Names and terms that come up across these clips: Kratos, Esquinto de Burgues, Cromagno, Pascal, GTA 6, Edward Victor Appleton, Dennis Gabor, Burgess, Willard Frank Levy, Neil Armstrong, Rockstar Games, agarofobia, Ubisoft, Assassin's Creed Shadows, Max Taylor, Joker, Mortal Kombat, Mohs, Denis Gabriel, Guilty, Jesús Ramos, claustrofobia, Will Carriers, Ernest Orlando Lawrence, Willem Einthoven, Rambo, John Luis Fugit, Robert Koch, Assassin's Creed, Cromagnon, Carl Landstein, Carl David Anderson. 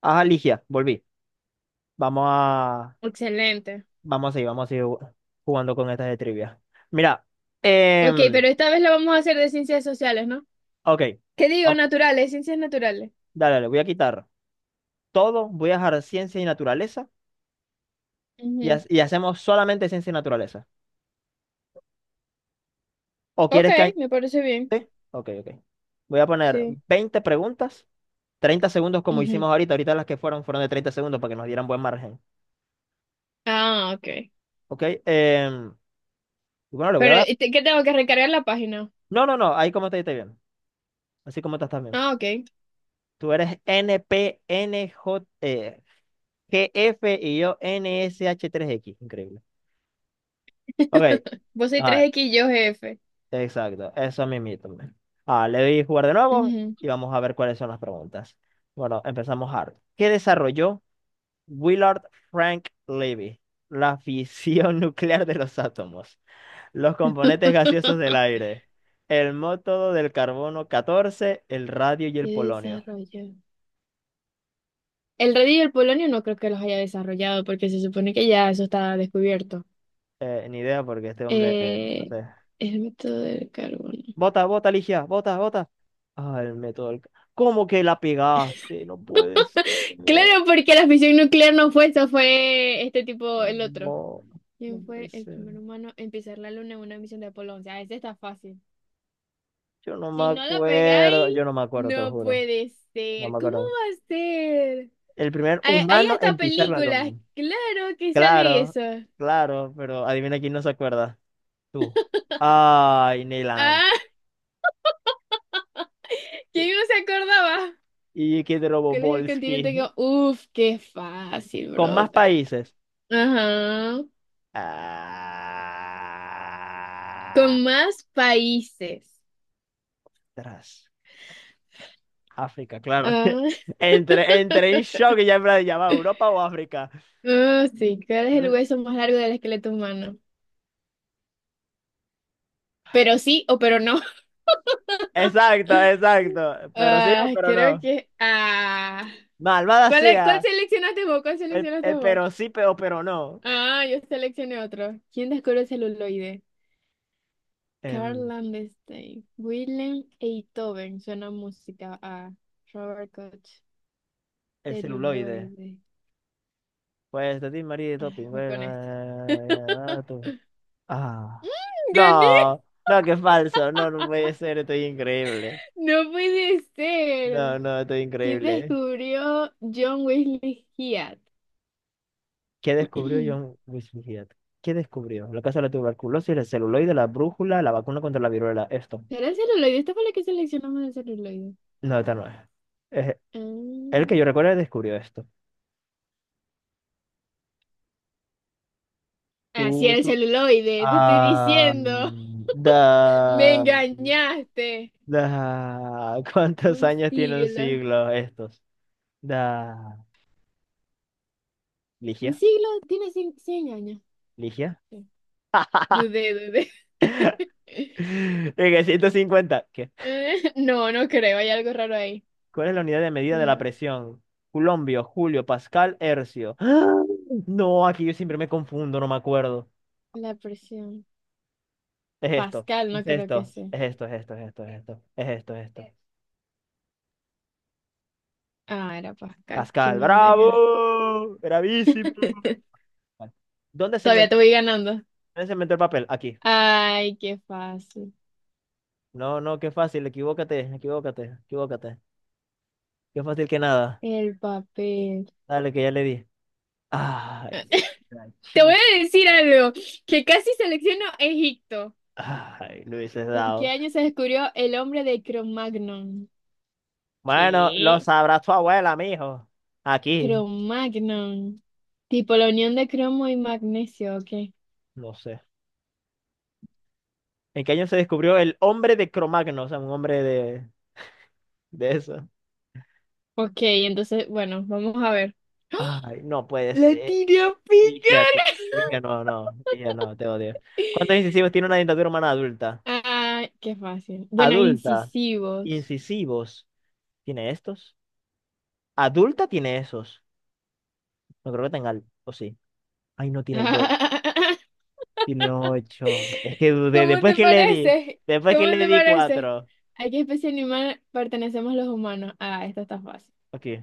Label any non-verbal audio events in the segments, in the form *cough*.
Ajá, Ligia, volví. Vamos a, Excelente. Vamos a seguir jugando con estas de trivia. Mira, Ok, em, pero esta vez lo vamos a hacer de ciencias sociales, ¿no? ok, ¿Qué digo? Vam- Naturales, ciencias naturales. dale, le voy a quitar todo, voy a dejar ciencia y naturaleza y, Ujú. Y hacemos solamente ciencia y naturaleza. ¿O Ok, quieres que... me parece bien. sí? Ok, ok. Voy a poner Sí. 20 preguntas, 30 segundos como hicimos Ujú. ahorita, ahorita las que fueron de 30 segundos para que nos dieran buen margen. Ah, ok. Ok, y bueno, le voy a Pero, dar... ¿qué tengo que recargar la página? No, no, no, ahí como te esté bien, así como estás también. Ah, ok. Tú eres N N P N J. E. GF y yo N S H tres x increíble. Ok. Vos sois tres Ah, x y yo jefe. exacto. Eso mismito, man. Ah, le doy jugar de nuevo Ujú. y vamos a ver cuáles son las preguntas. Bueno, empezamos hard. ¿Qué desarrolló Willard Frank Levy? La fisión *laughs* nuclear de los átomos. Los componentes gaseosos del *laughs* aire. El método del carbono 14, el radio y ¿Qué el polonio. desarrollo? El radio y el polonio no creo que los haya desarrollado porque se supone que ya eso está descubierto. Ni idea porque este hombre, no Eh, sé. el método del carbono. Bota, bota, Ligia, bota, bota. Ah, el método ¿Cómo que la pegaste? No puedes. Claro, porque la fisión nuclear no fue eso, fue este tipo, No, el otro. no, no ¿Quién puede fue el ser. primer humano en pisar la luna en una misión de Apolo 11? Ah, este está fácil. Yo no me Si no la acuerdo. pegáis, Yo no me acuerdo, te lo no juro. puede No ser. me ¿Cómo acuerdo. va a ser? El primer Hay humano hasta en pisar la películas, luna. claro que sale Claro, eso. claro, pero adivina quién no se acuerda. Tú. Ay, Neil Ah, Armstrong. *laughs* ¿quién no se acordaba? Y que de ¿Cuál es el continente Robobolski. que...? Uf, qué fácil, Con más brother. países. Ajá. Ah, Con más países. atrás. África, claro. *laughs* Ah. Entré en shock y ya en plan de llamar Europa o África. Ah, sí, ¿cuál es ¿Cuál el es? hueso más largo del esqueleto humano? Pero sí o pero no. Exacto, *laughs* exacto. Pero sí o Ah, pero creo no. que. Ah. Malvada ¿Cuál sea. seleccionaste vos? ¿Cuál El, seleccionaste el vos? pero sí, pero no. Ah, yo seleccioné otro. ¿Quién descubrió el celuloide? Carl Em, Landstein. Willem Einthoven. Suena música a Robert Koch. el celuloide. Celuloide. Pues de ti, María y Ah, Doping. voy Bueno, con este. Tú. Ah. *laughs* ¡Gané! No, no, qué falso. No, no puede ser. Estoy increíble. ¡No puede No, ser! no, estoy ¿Quién increíble. descubrió John Wesley Hyatt? ¿Qué descubrió John *clears throat* Luis Fugit? ¿Qué descubrió? La causa de la tuberculosis, el celuloide, la brújula, la vacuna contra la viruela. Esto. ¿Era el celuloide? Esta fue la que seleccionamos el celuloide. No, esta no es. Es- el que yo Ah, recuerdo descubrió esto. ah, sí, Tú, era el tú. celuloide, te estoy Ah, diciendo. Me da, engañaste. da. *laughs* ¿Cuántos Un años tiene un siglo. siglo estos? Da. Un Ligia, siglo tiene cien años. Ligia. Sí. Dudé, dudé. *laughs* *laughs* En el 150. ¿Qué? No, no creo, hay algo raro ahí. ¿Cuál es la unidad de medida de la La, presión? Culombio, Julio, Pascal, Hercio. *gasps* ¡Ah! No, aquí yo siempre me confundo, no me acuerdo. la presión. Es esto, Pascal, es no creo que esto, sea. es esto, es esto, es esto, es esto, es esto, es esto. Ah, era Pascal, qué Pascal, montenga. bravo, bravísimo. *laughs* Vale. ¿Dónde se Todavía inventó, te voy ganando. dónde se inventó el papel? Aquí. Ay, qué fácil. No, no, qué fácil, equivócate, equivócate, equivócate. Qué fácil que nada. El papel. Dale, que ya le di. *laughs* Ay, la Te voy chica. a decir algo, que casi selecciono Egipto. Ay, lo hubieses ¿En qué dado. año se descubrió el hombre de Cromagnon? Bueno, lo ¿Qué? sabrá tu abuela, mijo. Aquí, Cromagnon. Tipo la unión de cromo y magnesio, ok. no sé. ¿En qué año se descubrió el hombre de Cromagno? O sea, un hombre de eso. Ok, entonces, bueno, vamos a ver. Ay, no puedes. La tiré a Ligia, te- picar. Ligia, no, no, Ligia, no, te odio. ¿Cuántos *laughs* incisivos tiene una dentadura humana adulta? Ah, qué fácil. Bueno, Adulta, incisivos. incisivos, ¿tiene estos? Adulta tiene esos. No creo que tenga, o sí. Ay, no tiene el doble. *laughs* Tiene ocho. Es que dudé, ¿Cómo te parece? después ¿Cómo que le te di parece? cuatro. ¿A qué especie animal pertenecemos los humanos? Ah, esta está fácil. Ok.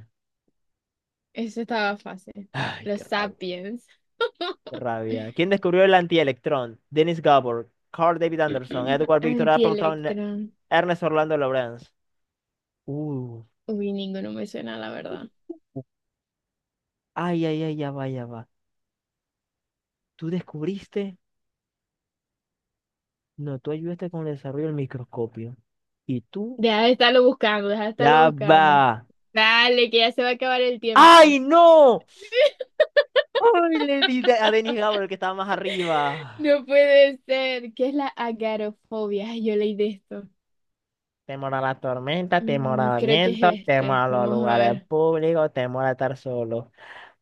Eso estaba fácil. Ay, Los qué rabia, Sapiens. qué rabia. ¿Quién descubrió el antielectrón? Dennis Gabor, Carl David Anderson, *clears throat* Edward Victor Appleton, Antielectrón. Ernest Orlando Lawrence. Uh, Uy, ninguno me suena, la verdad. ay, ay, ay, ya va, ya va. ¿Tú descubriste? No, tú ayudaste con el desarrollo del microscopio. Y tú, Deja de estarlo buscando, deja de estarlo ya buscando. va. Dale, que ya se va a acabar el tiempo. ¡Ay, no! ¡Ay, le di a Denis Gabriel que estaba más arriba! No puede ser. ¿Qué es la agarofobia? Ay, yo leí de esto. Temor a la tormenta, temor Mm, al creo que viento, es temor este. a los Vamos a lugares ver. públicos, temor a estar solo.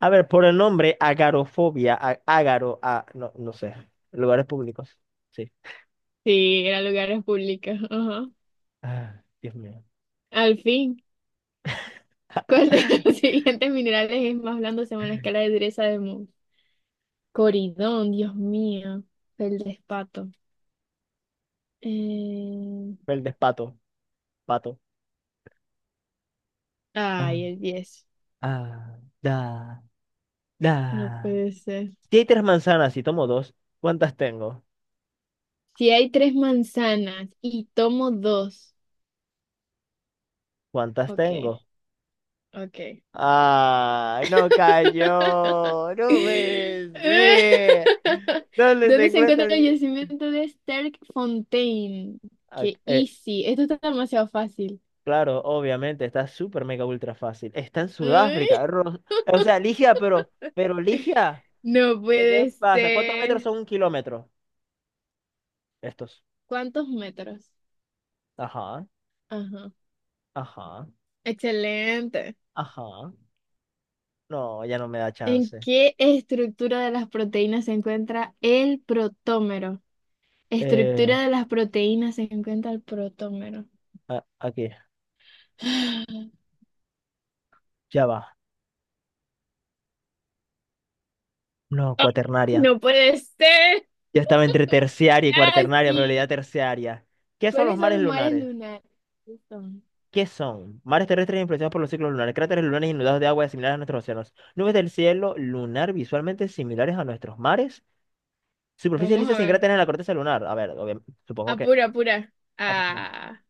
A ver, por el nombre, agarofobia, ágaro, a, no, no sé, lugares públicos. Sí. Sí, era lugares públicos. Ajá. Ah, Dios mío. Al fin. *laughs* ¿Cuál de los *laughs* siguientes minerales es más blando según la escala de dureza de Mohs? Coridón, Dios mío. El despato. Eh, El despato, pato. Ah, ay, el 10. ah, da, No da. puede ser. Si hay tres manzanas y tomo dos, ¿cuántas tengo? Si hay tres manzanas y tomo dos. ¿Cuántas Ok, tengo? ok. Ah, no *laughs* cayó. No puede ser. ¿Dónde se ¿Dónde se encuentra encuentra el el... yacimiento de Sterkfontein? Ah, Qué easy. Esto está demasiado fácil. claro, obviamente, está súper mega ultra fácil. Está en Sudáfrica. Ay, O sea, Ligia, pero Ligia, no ¿pero qué puede pasa? ¿Cuántos metros ser. son un kilómetro? Estos. ¿Cuántos metros? Ajá, Ajá. ajá, Excelente. ajá. No, ya no me da ¿En chance. qué estructura de las proteínas se encuentra el protómero? Eh, Estructura de las proteínas se encuentra el protómero. Aquí, *gasps* ya va. No, cuaternaria. No puede ser. Ya estaba entre terciaria y cuaternaria, pero la idea Casi. terciaria. ¿Qué son los ¿Cuáles son mares los mares lunares? lunares? ¿Qué Son- ¿Qué son? Mares terrestres influenciados por los ciclos lunares, cráteres lunares inundados de agua similares a nuestros océanos, nubes del cielo lunar visualmente similares a nuestros mares, superficies Vamos lisas a sin ver. cráteres en la corteza lunar. A ver, supongo que... Apura, apura. Ah, pues no. Ah.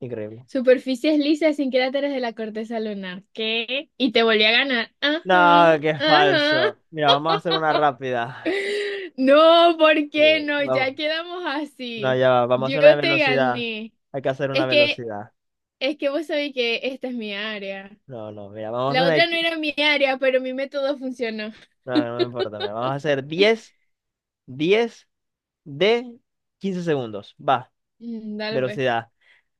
Increíble. Superficies lisas sin cráteres de la corteza lunar. ¿Qué? Y te volví a ganar. No, Ajá, qué ajá. falso. Mira, vamos a hacer una rápida. No, ¿por Eh, qué no? Ya vamos. quedamos No, así. ya va, vamos a Yo hacer una de te velocidad. gané. Hay que hacer una Es que, velocidad. es que vos sabés que esta es mi área. No, no, mira, vamos a hacer La una... otra no era mi área, pero mi método funcionó. No, no me importa, mira, vamos a hacer diez de 15 segundos. Va, Mm, dale, pues. velocidad.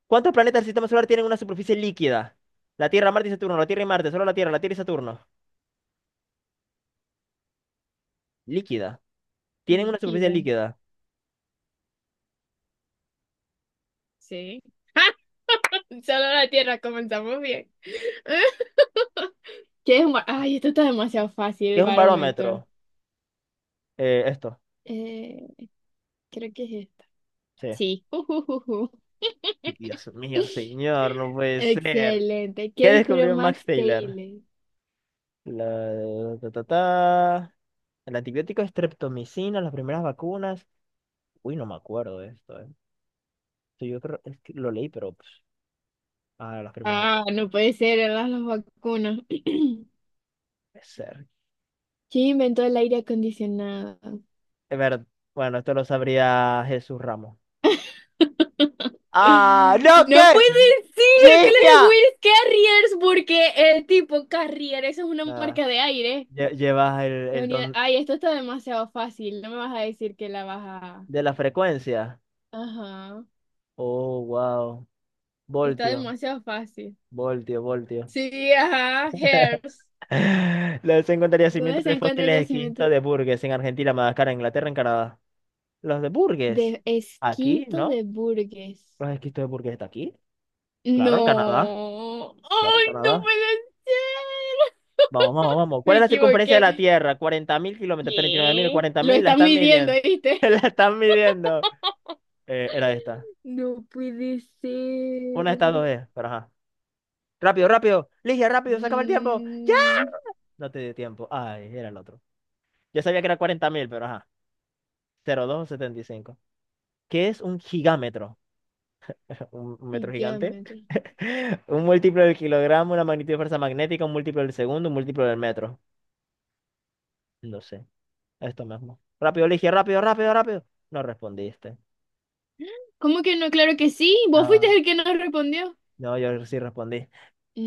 ¿Cuántos planetas del sistema solar tienen una superficie líquida? La Tierra, Marte y Saturno, la Tierra y Marte, solo la Tierra y Saturno. Líquida. Tienen una superficie Líquida. líquida. Sí. *laughs* Solo la tierra, comenzamos bien. *laughs* ¿Qué es un bar- Ay, esto está demasiado fácil, ¿Qué el es un barómetro. barómetro? Esto, Eh, creo que es esta. sí. Sí. Ujujuju. Dios mío, *laughs* señor, no puede ser. Excelente. ¿Qué ¿Qué descubrió descubrió Max Max Taylor? Taylor? La... ta, ta, ta. El antibiótico estreptomicina, las primeras vacunas. Uy, no me acuerdo de esto, Sí, yo creo es que lo leí, pero pues, ah, las primeras Ah, vacunas. no puede ser, eran las vacunas. *clears throat* ¿Quién Puede ser. inventó el aire acondicionado? Es ver- Bueno, esto lo sabría Jesús Ramos. ¡Ah! ¡No, No qué! puede ser, claro, ¡Ligia! Will Carriers, porque el tipo Carrier, eso es una Nada. marca de aire. Llevas el, el don Ay, esto está demasiado fácil, no me vas a decir que la vas a... de la frecuencia. Ajá, Oh, wow. está Voltio, demasiado fácil. voltio, voltio. Sí, ajá, Hairs. *laughs* Los encontraría ¿Dónde yacimientos se de encuentra el fósiles yacimiento? exquisitos de Burgess en Argentina, Madagascar, Inglaterra, en Canadá. Los de Burgess. De Aquí, Esquinto ¿no? de Burgues. Los esquistos de Burgess está aquí. Claro, en Canadá. No, Claro, en ay, no Canadá. puede ser. Vamos, vamos, vamos. ¿Cuál Me es la circunferencia de equivoqué. la Tierra? 40.000 kilómetros, 39.000, ¿Qué? cuarenta Lo mil. La están están midiendo, midiendo. *laughs* ¿viste? La están midiendo. Era esta. No puede Una de estas ser. dos es, pero ajá. Rápido, rápido. Ligia, rápido, sácame el tiempo. ¡Ya! Mm, No te dio tiempo. Ay, era el otro. Yo sabía que era 40.000, pero ajá. 0,275. ¿Qué es un gigámetro? *laughs* ¿Un metro gigante? gigámetro. *laughs* Un múltiplo del kilogramo, una magnitud de fuerza magnética, un múltiplo del segundo, un múltiplo del metro. No sé. Esto mismo. Rápido, Ligia, rápido, rápido, rápido. No respondiste. ¿Cómo que no? Claro que sí. Vos fuiste No. el que no respondió. No, yo sí respondí.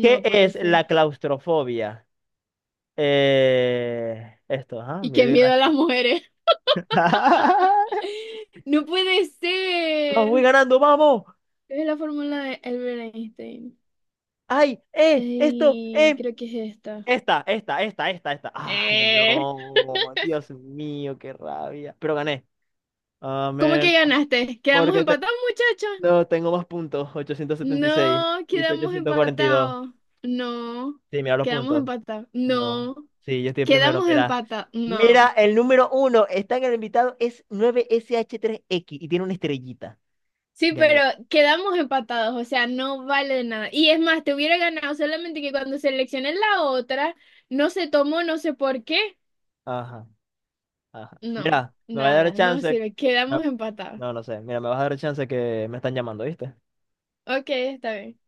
¿Qué puede es ser. la claustrofobia? Esto, ajá, Y qué miedo miedo a las irracional. mujeres. *laughs* *laughs* No puede Vamos, voy ser. ganando, vamos. Es la fórmula de Albert Einstein. Ay, esto, Ey, creo que es esta. esta, esta, esta, esta, esta. Ay, Eh. no, Dios mío, qué rabia. Pero gané. ¿Cómo Amén. que ganaste? ¿Quedamos Porque te- empatados, muchacha? no, tengo más puntos, 876 No, y tú quedamos 842. empatados. No, Sí, mira los quedamos puntos. empatados. No. No, Sí, yo estoy primero. quedamos Mira. empatados. Mira, No. el número uno está en el invitado, es 9 sh tres x y tiene una estrellita. Sí, pero Gané. quedamos empatados, o sea, no vale de nada. Y es más, te hubiera ganado solamente que cuando seleccioné la otra, no se tomó, no sé por qué. Ajá, ajá. No, Mira, me va a dar nada, no chance. sirve, quedamos No, empatados. No sé. Mira, me vas a dar chance que me están llamando, ¿viste? Ok, está bien.